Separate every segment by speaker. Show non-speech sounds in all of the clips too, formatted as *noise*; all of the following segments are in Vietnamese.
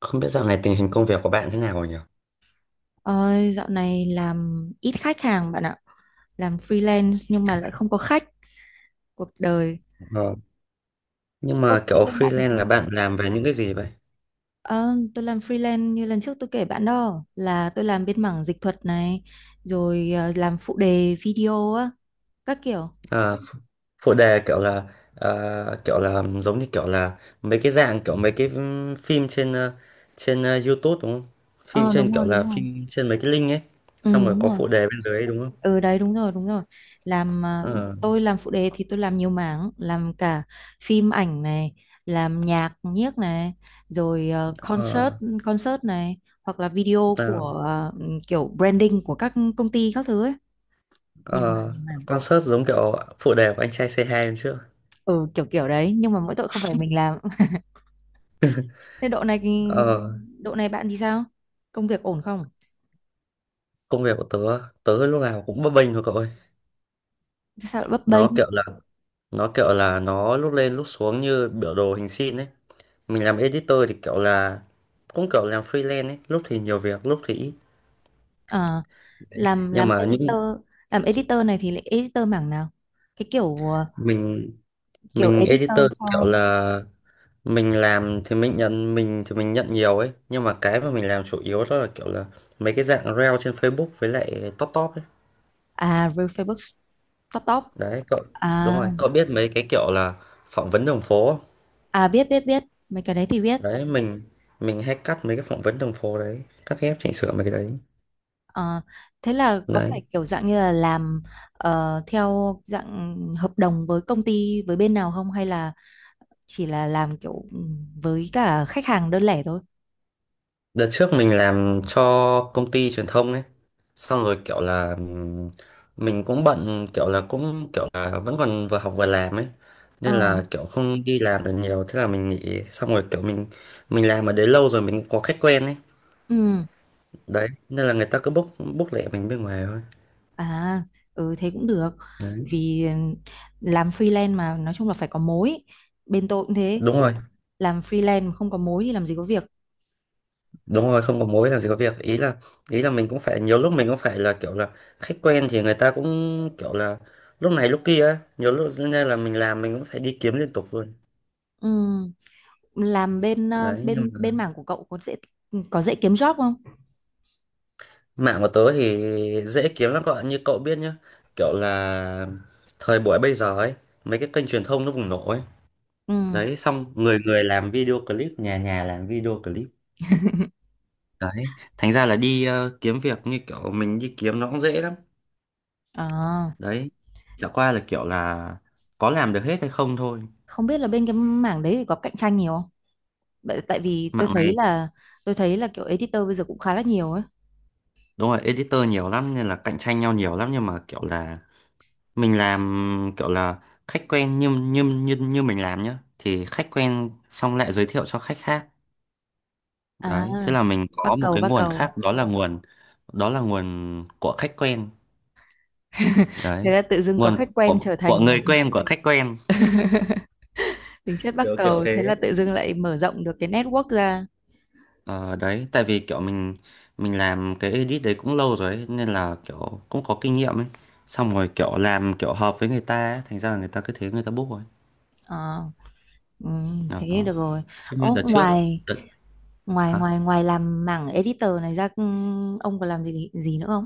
Speaker 1: Không biết dạo này tình hình công việc của bạn thế nào rồi nhỉ?
Speaker 2: Ôi, dạo này làm ít khách hàng bạn ạ. Làm freelance nhưng mà lại không có khách cuộc đời.
Speaker 1: Ờ, nhưng
Speaker 2: Ồ,
Speaker 1: mà
Speaker 2: thế
Speaker 1: kiểu
Speaker 2: bên bạn thì
Speaker 1: freelance
Speaker 2: sao?
Speaker 1: là bạn làm về những cái gì vậy?
Speaker 2: Ờ, tôi làm freelance như lần trước tôi kể bạn đó là tôi làm bên mảng dịch thuật này rồi làm phụ đề video á các kiểu.
Speaker 1: À, phụ đề kiểu là kiểu là giống như kiểu là mấy cái dạng kiểu mấy cái phim trên trên YouTube đúng không? Phim
Speaker 2: Ờ
Speaker 1: trên
Speaker 2: đúng
Speaker 1: kiểu
Speaker 2: rồi,
Speaker 1: là
Speaker 2: đúng rồi.
Speaker 1: phim trên mấy cái link ấy.
Speaker 2: Ừ.
Speaker 1: Xong rồi
Speaker 2: Đúng
Speaker 1: có
Speaker 2: rồi.
Speaker 1: phụ đề bên dưới ấy, đúng không?
Speaker 2: Ừ đấy, đúng rồi, đúng rồi, làm
Speaker 1: Ờ,
Speaker 2: tôi làm phụ đề thì tôi làm nhiều mảng, làm cả phim ảnh này, làm nhạc nhiếc này, rồi ờ,
Speaker 1: ờ,
Speaker 2: concert concert này, hoặc là video của
Speaker 1: à,
Speaker 2: kiểu branding của các công ty các thứ ấy, nhiều mảng
Speaker 1: ờ,
Speaker 2: nhiều mảng
Speaker 1: concert giống kiểu phụ đề của anh trai C2 hôm trước.
Speaker 2: Ừ, kiểu kiểu đấy, nhưng mà mỗi tội không phải mình làm. *laughs* Thế độ này,
Speaker 1: Ờ,
Speaker 2: độ này bạn thì sao, công việc ổn không?
Speaker 1: công việc của tớ, tớ lúc nào cũng bấp bênh thôi cậu ơi.
Speaker 2: Chứ sao lại bấp bênh?
Speaker 1: Nó kiểu là nó kiểu là nó lúc lên lúc xuống như biểu đồ hình sin ấy. Mình làm editor thì kiểu là cũng kiểu làm freelance ấy, lúc thì nhiều việc lúc thì ít.
Speaker 2: Ờ,
Speaker 1: Đấy
Speaker 2: làm
Speaker 1: nhưng
Speaker 2: làm
Speaker 1: mà những
Speaker 2: editor làm editor này thì lại editor mảng nào, cái kiểu
Speaker 1: mình
Speaker 2: kiểu
Speaker 1: mình editor
Speaker 2: editor cho.
Speaker 1: thì kiểu là mình làm thì mình nhận mình nhận nhiều ấy, nhưng mà cái mà mình làm chủ yếu đó là kiểu là mấy cái dạng reel trên Facebook với lại top top ấy,
Speaker 2: À, real Facebook. Top.
Speaker 1: đấy cậu. Đúng
Speaker 2: À,
Speaker 1: rồi cậu biết mấy cái kiểu là phỏng vấn đường phố không?
Speaker 2: à biết biết biết, mấy cái đấy thì biết.
Speaker 1: Đấy mình hay cắt mấy cái phỏng vấn đường phố đấy, cắt ghép chỉnh sửa mấy cái đấy,
Speaker 2: Ờ, thế là có
Speaker 1: đấy.
Speaker 2: phải kiểu dạng như là làm theo dạng hợp đồng với công ty với bên nào không, hay là chỉ là làm kiểu với cả khách hàng đơn lẻ thôi?
Speaker 1: Đợt trước mình làm cho công ty truyền thông ấy. Xong rồi kiểu là mình cũng bận kiểu là cũng kiểu là vẫn còn vừa học vừa làm ấy. Nên
Speaker 2: Ờ,
Speaker 1: là kiểu không đi làm được nhiều. Thế là mình nghỉ. Xong rồi kiểu mình làm ở đấy lâu rồi mình cũng có khách quen ấy.
Speaker 2: ừ,
Speaker 1: Đấy nên là người ta cứ book book lẹ mình bên ngoài thôi.
Speaker 2: à, ừ thế cũng được.
Speaker 1: Đấy.
Speaker 2: Vì làm freelance mà nói chung là phải có mối. Bên tôi cũng thế,
Speaker 1: Đúng rồi.
Speaker 2: làm freelance mà không có mối thì làm gì có việc.
Speaker 1: Đúng rồi, không có mối làm gì có việc. Ý là, ý là mình cũng phải nhiều lúc mình cũng phải là kiểu là khách quen thì người ta cũng kiểu là lúc này lúc kia ấy. Nhiều lúc nên là mình làm mình cũng phải đi kiếm liên tục luôn.
Speaker 2: Ừ. Làm bên ờ,
Speaker 1: Đấy, nhưng
Speaker 2: bên
Speaker 1: mà
Speaker 2: bên mảng của cậu có dễ, có dễ kiếm job không?
Speaker 1: mạng của tớ thì dễ kiếm lắm các bạn. Như cậu biết nhá, kiểu là thời buổi bây giờ ấy, mấy cái kênh truyền thông nó bùng nổ ấy.
Speaker 2: Ừ.
Speaker 1: Đấy, xong người người làm video clip, nhà nhà làm video clip.
Speaker 2: *laughs*
Speaker 1: Đấy, thành ra là đi kiếm việc như kiểu mình đi kiếm nó cũng dễ lắm.
Speaker 2: À,
Speaker 1: Đấy, chả qua là kiểu là có làm được hết hay không thôi.
Speaker 2: không biết là bên cái mảng đấy thì có cạnh tranh nhiều không? Tại vì tôi
Speaker 1: Mạng
Speaker 2: thấy
Speaker 1: này,
Speaker 2: là, tôi thấy là kiểu editor bây giờ cũng khá là nhiều ấy.
Speaker 1: đúng rồi, editor nhiều lắm nên là cạnh tranh nhau nhiều lắm nhưng mà kiểu là mình làm kiểu là khách quen như như như như mình làm nhá thì khách quen xong lại giới thiệu cho khách khác,
Speaker 2: À,
Speaker 1: đấy thế là mình
Speaker 2: bắc
Speaker 1: có một
Speaker 2: cầu
Speaker 1: cái
Speaker 2: bắc
Speaker 1: nguồn
Speaker 2: cầu.
Speaker 1: khác, đó là nguồn, đó là nguồn của khách quen.
Speaker 2: *laughs* Thế
Speaker 1: Đấy,
Speaker 2: là tự dưng có khách
Speaker 1: nguồn
Speaker 2: quen trở
Speaker 1: của
Speaker 2: thành
Speaker 1: người
Speaker 2: *laughs*
Speaker 1: quen của khách quen,
Speaker 2: tính chất bắc
Speaker 1: kiểu kiểu
Speaker 2: cầu, thế là
Speaker 1: thế.
Speaker 2: tự dưng lại mở rộng được cái network ra.
Speaker 1: Ờ, đấy tại vì kiểu mình làm cái edit đấy cũng lâu rồi ấy, nên là kiểu cũng có kinh nghiệm ấy, xong rồi kiểu làm kiểu hợp với người ta ấy, thành ra là người ta cứ thế người ta book rồi,
Speaker 2: À, ừ, thế
Speaker 1: đó.
Speaker 2: được rồi.
Speaker 1: Chứ như
Speaker 2: Ố,
Speaker 1: đợt trước,
Speaker 2: ngoài
Speaker 1: đợt,
Speaker 2: ngoài
Speaker 1: hả?
Speaker 2: ngoài ngoài làm mảng editor này ra ông còn làm gì gì nữa không?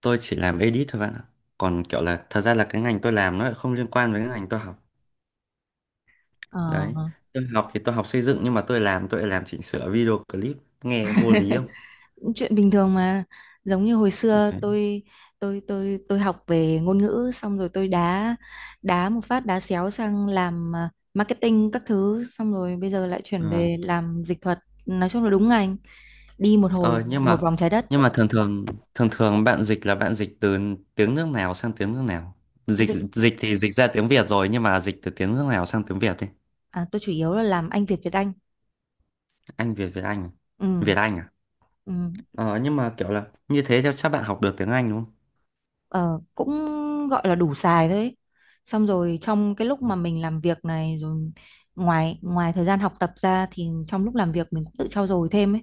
Speaker 1: Tôi chỉ làm edit thôi bạn ạ, còn kiểu là thật ra là cái ngành tôi làm nó lại không liên quan với cái ngành tôi học,
Speaker 2: Ờ,
Speaker 1: đấy. Tôi học thì tôi học xây dựng nhưng mà tôi làm tôi lại làm chỉnh sửa video clip, nghe vô lý không?
Speaker 2: chuyện bình thường mà, giống như hồi xưa
Speaker 1: Đấy.
Speaker 2: tôi, tôi học về ngôn ngữ xong rồi tôi đá, đá một phát đá xéo sang làm marketing các thứ, xong rồi bây giờ lại chuyển
Speaker 1: Ờ
Speaker 2: về làm dịch thuật. Nói chung là đúng ngành, đi một hồi
Speaker 1: Ờ, nhưng
Speaker 2: một
Speaker 1: mà
Speaker 2: vòng trái đất.
Speaker 1: nhưng mà thường thường, thường thường bạn dịch là bạn dịch từ tiếng nước nào sang tiếng nước nào,
Speaker 2: Tôi
Speaker 1: dịch,
Speaker 2: dịch,
Speaker 1: dịch thì dịch ra tiếng Việt rồi nhưng mà dịch từ tiếng nước nào sang tiếng Việt đi.
Speaker 2: à, tôi chủ yếu là làm Anh Việt Việt Anh.
Speaker 1: Anh Việt Việt Anh à?
Speaker 2: Ừ,
Speaker 1: Việt Anh à.
Speaker 2: ừ.
Speaker 1: Ờ nhưng mà kiểu là như thế thì chắc bạn học được tiếng Anh đúng
Speaker 2: Ờ, cũng gọi là đủ xài thôi ấy. Xong rồi trong cái lúc mà
Speaker 1: không.
Speaker 2: mình làm việc này rồi, ngoài, ngoài thời gian học tập ra thì trong lúc làm việc mình cũng tự trau dồi thêm ấy.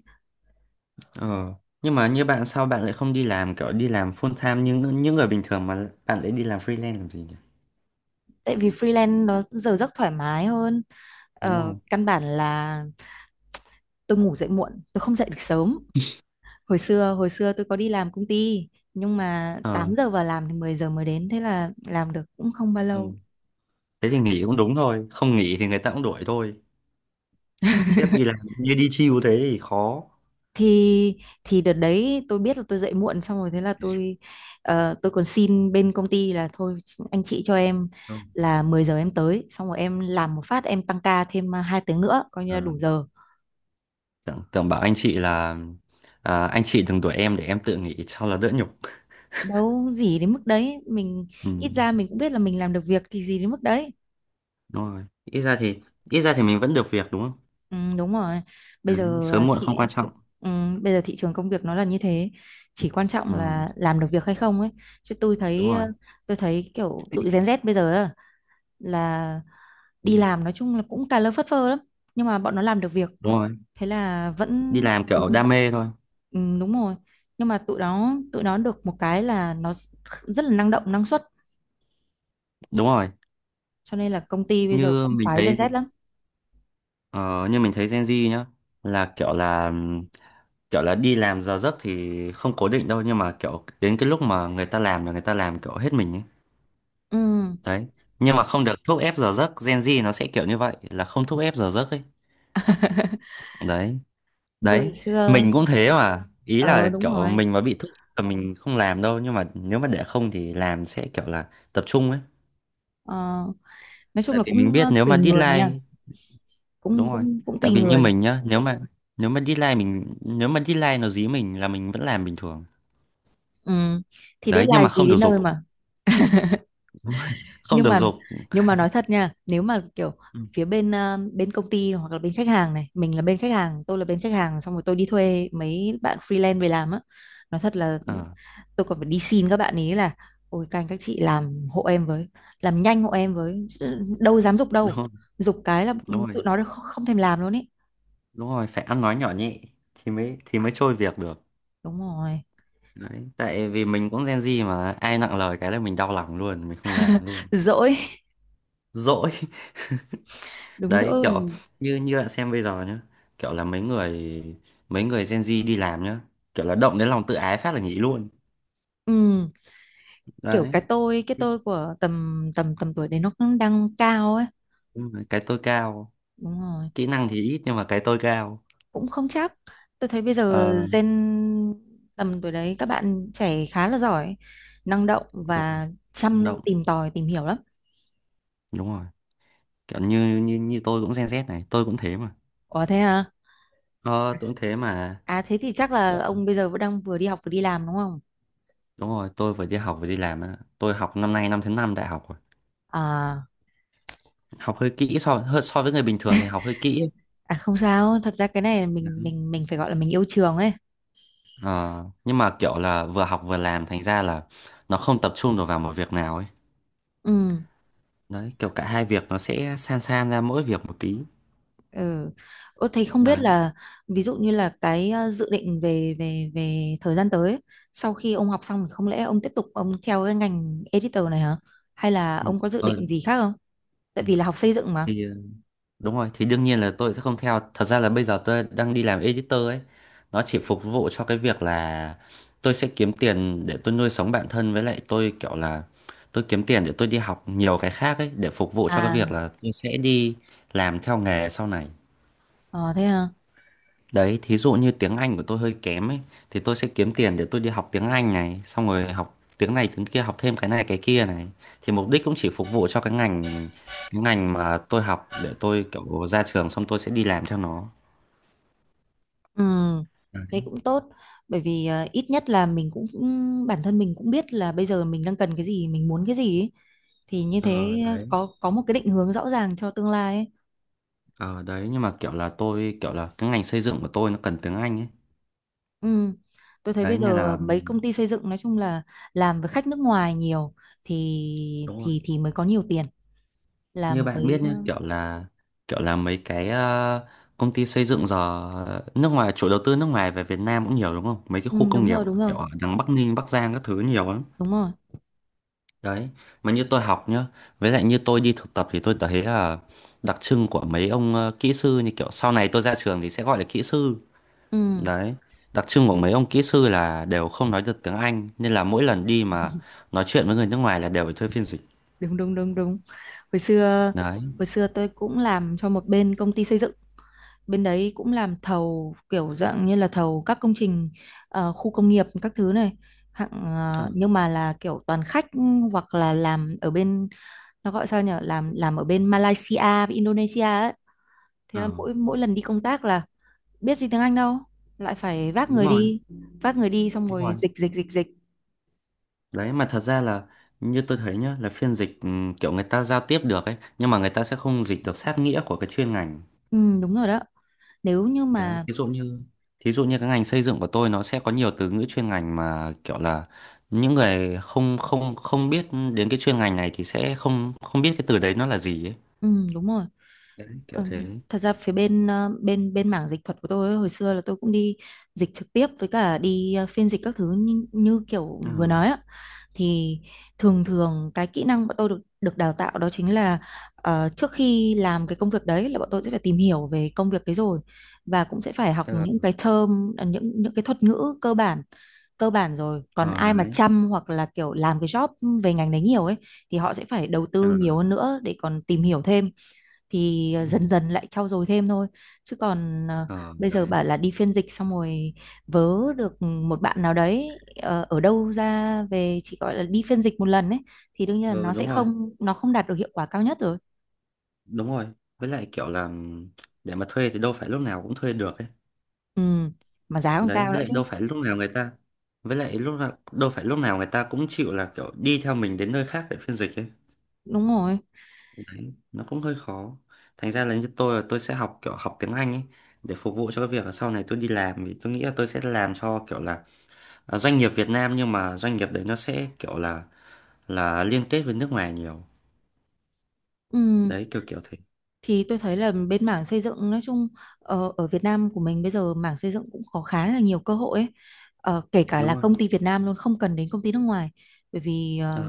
Speaker 1: Ờ. Nhưng mà như bạn sao bạn lại không đi làm kiểu đi làm full time như những người bình thường mà bạn lại đi làm freelance làm gì nhỉ?
Speaker 2: Tại vì freelance nó giờ giấc thoải mái hơn,
Speaker 1: Đúng không?
Speaker 2: căn bản là tôi ngủ dậy muộn, tôi không dậy được sớm. Hồi xưa tôi có đi làm công ty nhưng mà
Speaker 1: Ờ.
Speaker 2: 8 giờ vào làm thì 10 giờ mới đến, thế là làm được cũng không bao lâu.
Speaker 1: Ừ. Thế thì nghỉ cũng đúng thôi, không nghỉ thì người ta cũng đuổi thôi.
Speaker 2: *laughs*
Speaker 1: Khiếp đi làm như đi chill thế thì khó.
Speaker 2: thì thì đợt đấy tôi biết là tôi dậy muộn xong rồi thế là tôi, tôi còn xin bên công ty là thôi, anh chị cho em
Speaker 1: Đúng.
Speaker 2: là 10 giờ em tới xong rồi em làm một phát em tăng ca thêm 2 tiếng nữa coi như
Speaker 1: Ờ.
Speaker 2: là đủ giờ.
Speaker 1: Tưởng, tưởng bảo anh chị là à, anh chị đừng đuổi em để em tự nghỉ cho là đỡ nhục.
Speaker 2: Đâu gì đến mức đấy mình,
Speaker 1: Ừ.
Speaker 2: ít ra mình cũng biết là mình làm được việc thì gì đến mức đấy.
Speaker 1: Đúng rồi. Ít ra thì, ít ra thì mình vẫn được việc đúng không?
Speaker 2: Ừ, đúng rồi, bây
Speaker 1: Đấy,
Speaker 2: giờ
Speaker 1: sớm muộn không
Speaker 2: thị,
Speaker 1: quan trọng.
Speaker 2: ừ, bây giờ thị trường công việc nó là như thế, chỉ quan trọng
Speaker 1: Ừ.
Speaker 2: là làm được việc hay không ấy. Chứ tôi
Speaker 1: Đúng
Speaker 2: thấy
Speaker 1: rồi.
Speaker 2: tôi thấy kiểu tụi Gen Z bây giờ á, là đi
Speaker 1: Ừ.
Speaker 2: làm nói chung là cũng cà lơ phất phơ lắm, nhưng mà bọn nó làm được việc,
Speaker 1: Đúng rồi.
Speaker 2: thế là
Speaker 1: Đi
Speaker 2: vẫn.
Speaker 1: làm
Speaker 2: Ừ,
Speaker 1: kiểu đam mê thôi.
Speaker 2: ừ, đúng rồi, nhưng mà tụi nó được một cái là nó rất là năng động năng suất,
Speaker 1: Đúng rồi.
Speaker 2: cho nên là công ty bây giờ
Speaker 1: Như
Speaker 2: cũng
Speaker 1: mình
Speaker 2: khoái
Speaker 1: thấy,
Speaker 2: Gen Z lắm.
Speaker 1: ờ, như mình thấy Gen Z nhá, là kiểu là, kiểu là đi làm giờ giấc thì không cố định đâu nhưng mà kiểu đến cái lúc mà người ta làm là người ta làm kiểu hết mình ấy,
Speaker 2: Ừ.
Speaker 1: đấy. Nhưng mà không được thúc ép giờ giấc, Gen Z nó sẽ kiểu như vậy, là không thúc ép giờ giấc ấy,
Speaker 2: *laughs*
Speaker 1: đấy,
Speaker 2: Từ
Speaker 1: đấy.
Speaker 2: xưa.
Speaker 1: Mình cũng thế mà, ý là
Speaker 2: Ờ đúng
Speaker 1: kiểu
Speaker 2: rồi.
Speaker 1: mình mà bị thúc ép là mình không làm đâu nhưng mà nếu mà để không thì làm sẽ kiểu là tập trung ấy.
Speaker 2: Ờ, nói chung
Speaker 1: Tại
Speaker 2: là
Speaker 1: vì mình
Speaker 2: cũng
Speaker 1: biết nếu
Speaker 2: tùy
Speaker 1: mà
Speaker 2: người nha,
Speaker 1: deadline,
Speaker 2: cũng
Speaker 1: đúng rồi,
Speaker 2: cũng cũng
Speaker 1: tại
Speaker 2: tùy
Speaker 1: vì như
Speaker 2: người.
Speaker 1: mình nhá, nếu mà, nếu mà deadline mình nếu mà deadline nó dí mình là mình vẫn làm bình thường,
Speaker 2: Ừ. Thì đến
Speaker 1: đấy. Nhưng
Speaker 2: là
Speaker 1: mà
Speaker 2: gì
Speaker 1: không được
Speaker 2: đến
Speaker 1: dục,
Speaker 2: nơi mà.
Speaker 1: *laughs* không
Speaker 2: nhưng
Speaker 1: được
Speaker 2: mà
Speaker 1: dục.
Speaker 2: nhưng mà nói thật nha, nếu mà kiểu
Speaker 1: Ừ.
Speaker 2: phía bên bên công ty hoặc là bên khách hàng này, mình là bên khách hàng, tôi là bên khách hàng, xong rồi tôi đi thuê mấy bạn freelance về làm á, nói thật là
Speaker 1: Ờ,
Speaker 2: tôi còn phải đi xin các bạn ý là ôi các anh các chị làm hộ em với, làm nhanh hộ em với. Chứ đâu dám giục
Speaker 1: đúng
Speaker 2: đâu,
Speaker 1: rồi,
Speaker 2: giục cái là
Speaker 1: đúng
Speaker 2: tụi
Speaker 1: rồi,
Speaker 2: nó không không thèm làm luôn ý.
Speaker 1: đúng rồi, phải ăn nói nhỏ nhẹ thì mới, thì mới trôi việc được.
Speaker 2: Đúng rồi,
Speaker 1: Đấy tại vì mình cũng Gen Z mà ai nặng lời cái là mình đau lòng luôn, mình không làm luôn,
Speaker 2: dỗi.
Speaker 1: dỗi. *laughs*
Speaker 2: *laughs* Đúng
Speaker 1: Đấy, kiểu
Speaker 2: dỗi.
Speaker 1: như, như bạn xem bây giờ nhá, kiểu là mấy người Gen Z đi làm nhá, kiểu là động đến lòng tự ái phát là nghỉ luôn,
Speaker 2: Ừ, kiểu
Speaker 1: đấy.
Speaker 2: cái tôi, cái tôi của tầm tầm tầm tuổi đấy nó cũng đang cao ấy.
Speaker 1: Nhưng mà cái tôi cao,
Speaker 2: Đúng rồi,
Speaker 1: kỹ năng thì ít nhưng mà cái tôi cao.
Speaker 2: cũng không chắc, tôi thấy bây giờ
Speaker 1: Ờ
Speaker 2: gen, tầm tuổi đấy các bạn trẻ khá là giỏi, năng động
Speaker 1: đúng rồi,
Speaker 2: và chăm
Speaker 1: động,
Speaker 2: tìm tòi tìm hiểu lắm.
Speaker 1: đúng rồi, kiểu như như như tôi cũng Gen Z này, tôi cũng thế mà.
Speaker 2: Ủa thế à,
Speaker 1: Ờ, tôi cũng thế mà.
Speaker 2: à thế thì chắc là
Speaker 1: Dạ.
Speaker 2: ông bây giờ vẫn đang vừa đi học vừa đi làm đúng không?
Speaker 1: Đúng rồi tôi vừa đi học vừa đi làm á. Tôi học năm nay năm thứ năm đại học rồi,
Speaker 2: À,
Speaker 1: học hơi kỹ, so hơi so với người bình thường thì học hơi kỹ ấy.
Speaker 2: à không sao, thật ra cái này mình,
Speaker 1: Đấy.
Speaker 2: mình phải gọi là mình yêu trường ấy.
Speaker 1: Ờ, nhưng mà kiểu là vừa học vừa làm thành ra là nó không tập trung được vào một việc nào ấy,
Speaker 2: Ừ.
Speaker 1: đấy kiểu cả hai việc nó sẽ san san ra mỗi việc một tí,
Speaker 2: Ừ. Ủa, thấy không biết
Speaker 1: đấy.
Speaker 2: là ví dụ như là cái dự định về, về thời gian tới ấy, sau khi ông học xong thì không lẽ ông tiếp tục ông theo cái ngành editor này hả? Hay là
Speaker 1: Ừ.
Speaker 2: ông có dự
Speaker 1: Ờ,
Speaker 2: định gì khác không? Tại vì là học xây dựng mà.
Speaker 1: thì, đúng rồi, thì đương nhiên là tôi sẽ không theo. Thật ra là bây giờ tôi đang đi làm editor ấy. Nó chỉ phục vụ cho cái việc là tôi sẽ kiếm tiền để tôi nuôi sống bản thân với lại tôi kiểu là, tôi kiếm tiền để tôi đi học nhiều cái khác ấy để phục vụ cho cái việc
Speaker 2: À,
Speaker 1: là tôi sẽ đi làm theo nghề sau này.
Speaker 2: ờ, thế hả?
Speaker 1: Đấy, thí dụ như tiếng Anh của tôi hơi kém ấy thì tôi sẽ kiếm tiền để tôi đi học tiếng Anh này, xong rồi học tiếng này tiếng kia, học thêm cái này cái kia này. Thì mục đích cũng chỉ phục vụ cho cái ngành, cái ngành mà tôi học để tôi kiểu ra trường xong tôi sẽ đi làm theo nó.
Speaker 2: Ừ, thế
Speaker 1: Đấy.
Speaker 2: cũng tốt. Bởi vì ít nhất là mình cũng cũng- bản thân mình cũng biết là bây giờ mình đang cần cái gì, mình muốn cái gì ấy. Thì như
Speaker 1: Ờ
Speaker 2: thế
Speaker 1: đấy,
Speaker 2: có một cái định hướng rõ ràng cho tương lai ấy.
Speaker 1: ờ đấy nhưng mà kiểu là tôi kiểu là cái ngành xây dựng của tôi nó cần tiếng Anh ấy.
Speaker 2: Ừ. Tôi thấy bây
Speaker 1: Đấy nên
Speaker 2: giờ
Speaker 1: là
Speaker 2: mấy công ty xây dựng nói chung là làm với khách nước ngoài nhiều thì,
Speaker 1: đúng rồi.
Speaker 2: thì mới có nhiều tiền,
Speaker 1: Như
Speaker 2: làm
Speaker 1: bạn biết
Speaker 2: với.
Speaker 1: nhá, kiểu là, kiểu là mấy cái công ty xây dựng giờ, nước ngoài, chủ đầu tư nước ngoài về Việt Nam cũng nhiều đúng không, mấy cái
Speaker 2: Ừ,
Speaker 1: khu công
Speaker 2: đúng
Speaker 1: nghiệp
Speaker 2: rồi, đúng rồi,
Speaker 1: kiểu ở đằng Bắc Ninh Bắc Giang các thứ nhiều lắm,
Speaker 2: đúng rồi.
Speaker 1: đấy. Mà như tôi học nhá, với lại như tôi đi thực tập thì tôi thấy là đặc trưng của mấy ông kỹ sư, như kiểu sau này tôi ra trường thì sẽ gọi là kỹ sư,
Speaker 2: Ừ,
Speaker 1: đấy. Đặc trưng của mấy ông kỹ sư là đều không nói được tiếng Anh nên là mỗi lần đi mà nói chuyện với người nước ngoài là đều phải thuê phiên dịch,
Speaker 2: đúng đúng đúng đúng. hồi xưa
Speaker 1: đấy.
Speaker 2: hồi xưa tôi cũng làm cho một bên công ty xây dựng, bên đấy cũng làm thầu kiểu dạng như là thầu các công trình khu công nghiệp các thứ này, hạng
Speaker 1: Ờ.
Speaker 2: nhưng mà là kiểu toàn khách, hoặc là làm ở bên, nó gọi sao nhỉ, làm ở bên Malaysia với Indonesia ấy. Thế
Speaker 1: Ờ,
Speaker 2: là mỗi mỗi lần đi công tác là biết gì tiếng Anh đâu, lại phải
Speaker 1: đúng rồi,
Speaker 2: vác người đi xong
Speaker 1: đúng
Speaker 2: rồi
Speaker 1: rồi.
Speaker 2: dịch dịch dịch dịch.
Speaker 1: Đấy mà thật ra là như tôi thấy nhá, là phiên dịch kiểu người ta giao tiếp được ấy nhưng mà người ta sẽ không dịch được sát nghĩa của cái chuyên ngành.
Speaker 2: Ừ, đúng rồi đó. Nếu như
Speaker 1: Đấy,
Speaker 2: mà,
Speaker 1: thí dụ như, thí dụ như cái ngành xây dựng của tôi nó sẽ có nhiều từ ngữ chuyên ngành mà kiểu là những người không không không biết đến cái chuyên ngành này thì sẽ không không biết cái từ đấy nó là gì ấy.
Speaker 2: ừ, đúng rồi.
Speaker 1: Đấy, kiểu
Speaker 2: Ừ.
Speaker 1: thế.
Speaker 2: Thật ra phía bên ờ, bên bên mảng dịch thuật của tôi ấy, hồi xưa là tôi cũng đi dịch trực tiếp với cả đi phiên dịch các thứ như, như kiểu vừa
Speaker 1: Ừ.
Speaker 2: nói á, thì thường thường cái kỹ năng bọn tôi được được đào tạo đó chính là trước khi làm cái công việc đấy là bọn tôi sẽ phải tìm hiểu về công việc đấy rồi, và cũng sẽ phải học
Speaker 1: Ờ,
Speaker 2: những cái term những cái thuật ngữ cơ bản, cơ bản rồi còn
Speaker 1: ờ,
Speaker 2: ai mà
Speaker 1: đấy.
Speaker 2: chăm hoặc là kiểu làm cái job về ngành đấy nhiều ấy thì họ sẽ phải đầu
Speaker 1: Ờ.
Speaker 2: tư nhiều hơn nữa để còn tìm hiểu thêm, thì dần
Speaker 1: Ừ.
Speaker 2: dần lại trau dồi thêm thôi. Chứ còn
Speaker 1: Ờ,
Speaker 2: bây giờ
Speaker 1: đấy.
Speaker 2: bảo là đi phiên dịch xong rồi vớ được một bạn nào đấy ở đâu ra về chỉ gọi là đi phiên dịch một lần ấy, thì đương nhiên là
Speaker 1: Ừ,
Speaker 2: nó sẽ
Speaker 1: đúng rồi.
Speaker 2: không, nó không đạt được hiệu quả cao nhất rồi.
Speaker 1: Đúng rồi. Với lại kiểu là để mà thuê thì đâu phải lúc nào cũng thuê được ấy.
Speaker 2: Ừ, mà giá còn
Speaker 1: Đấy
Speaker 2: cao
Speaker 1: với
Speaker 2: nữa
Speaker 1: lại
Speaker 2: chứ.
Speaker 1: đâu phải lúc nào người ta, với lại lúc nào đâu phải lúc nào người ta cũng chịu là kiểu đi theo mình đến nơi khác để phiên dịch ấy,
Speaker 2: Đúng rồi.
Speaker 1: đấy nó cũng hơi khó. Thành ra là như tôi là tôi sẽ học kiểu học tiếng Anh ấy để phục vụ cho cái việc là sau này tôi đi làm, vì tôi nghĩ là tôi sẽ làm cho kiểu là à, doanh nghiệp Việt Nam nhưng mà doanh nghiệp đấy nó sẽ kiểu là liên kết với nước ngoài nhiều,
Speaker 2: Ừ.
Speaker 1: đấy kiểu kiểu thế.
Speaker 2: Thì tôi thấy là bên mảng xây dựng nói chung, ở Việt Nam của mình bây giờ mảng xây dựng cũng có khá là nhiều cơ hội ấy. Ờ, kể cả
Speaker 1: Đúng
Speaker 2: là
Speaker 1: rồi.
Speaker 2: công ty Việt Nam luôn, không cần đến công ty nước ngoài, bởi vì
Speaker 1: Ờ,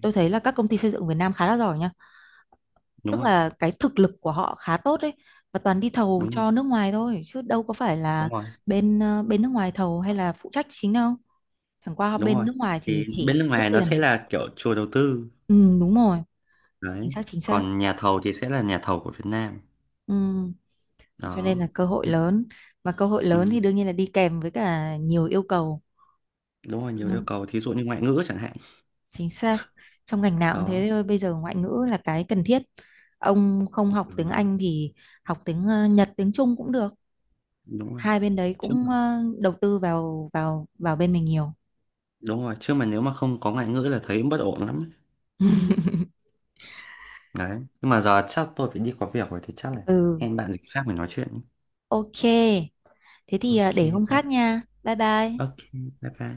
Speaker 2: tôi thấy là các công ty xây dựng Việt Nam khá là giỏi nha,
Speaker 1: đúng
Speaker 2: tức
Speaker 1: rồi,
Speaker 2: là cái thực lực của họ khá tốt ấy, và toàn đi thầu
Speaker 1: đúng rồi,
Speaker 2: cho nước ngoài thôi chứ đâu có phải
Speaker 1: đúng
Speaker 2: là
Speaker 1: rồi,
Speaker 2: bên bên nước ngoài thầu hay là phụ trách chính đâu, chẳng qua
Speaker 1: đúng
Speaker 2: bên
Speaker 1: rồi.
Speaker 2: nước ngoài thì
Speaker 1: Thì bên nước
Speaker 2: chỉ rút
Speaker 1: ngoài nó
Speaker 2: tiền.
Speaker 1: sẽ là kiểu chùa đầu tư,
Speaker 2: Ừ, đúng rồi, chính
Speaker 1: đấy.
Speaker 2: xác chính xác.
Speaker 1: Còn nhà thầu thì sẽ là nhà thầu của Việt Nam,
Speaker 2: Ừ. Thế cho nên
Speaker 1: đó.
Speaker 2: là cơ hội
Speaker 1: Ừ,
Speaker 2: lớn, và cơ hội lớn thì
Speaker 1: ừ,
Speaker 2: đương nhiên là đi kèm với cả nhiều yêu cầu.
Speaker 1: đúng rồi
Speaker 2: Ừ,
Speaker 1: nhiều yêu cầu thí dụ như ngoại ngữ chẳng hạn,
Speaker 2: chính xác, trong ngành nào cũng thế
Speaker 1: đó.
Speaker 2: thôi, bây giờ ngoại ngữ là cái cần thiết. Ông không học tiếng
Speaker 1: Ừ,
Speaker 2: Anh thì học tiếng Nhật, tiếng Trung cũng được,
Speaker 1: đúng rồi
Speaker 2: hai bên đấy
Speaker 1: chứ
Speaker 2: cũng
Speaker 1: mà,
Speaker 2: đầu tư vào, vào bên mình nhiều.
Speaker 1: đúng rồi chứ mà nếu mà không có ngoại ngữ là thấy bất ổn lắm, đấy. Đấy. Nhưng mà giờ chắc tôi phải đi có việc rồi thì chắc là
Speaker 2: Ừ,
Speaker 1: hẹn bạn dịp khác mình nói chuyện nhé.
Speaker 2: ok, thế thì
Speaker 1: Ok.
Speaker 2: để hôm khác
Speaker 1: Bye-
Speaker 2: nha, bye bye.
Speaker 1: ok. Bye bye.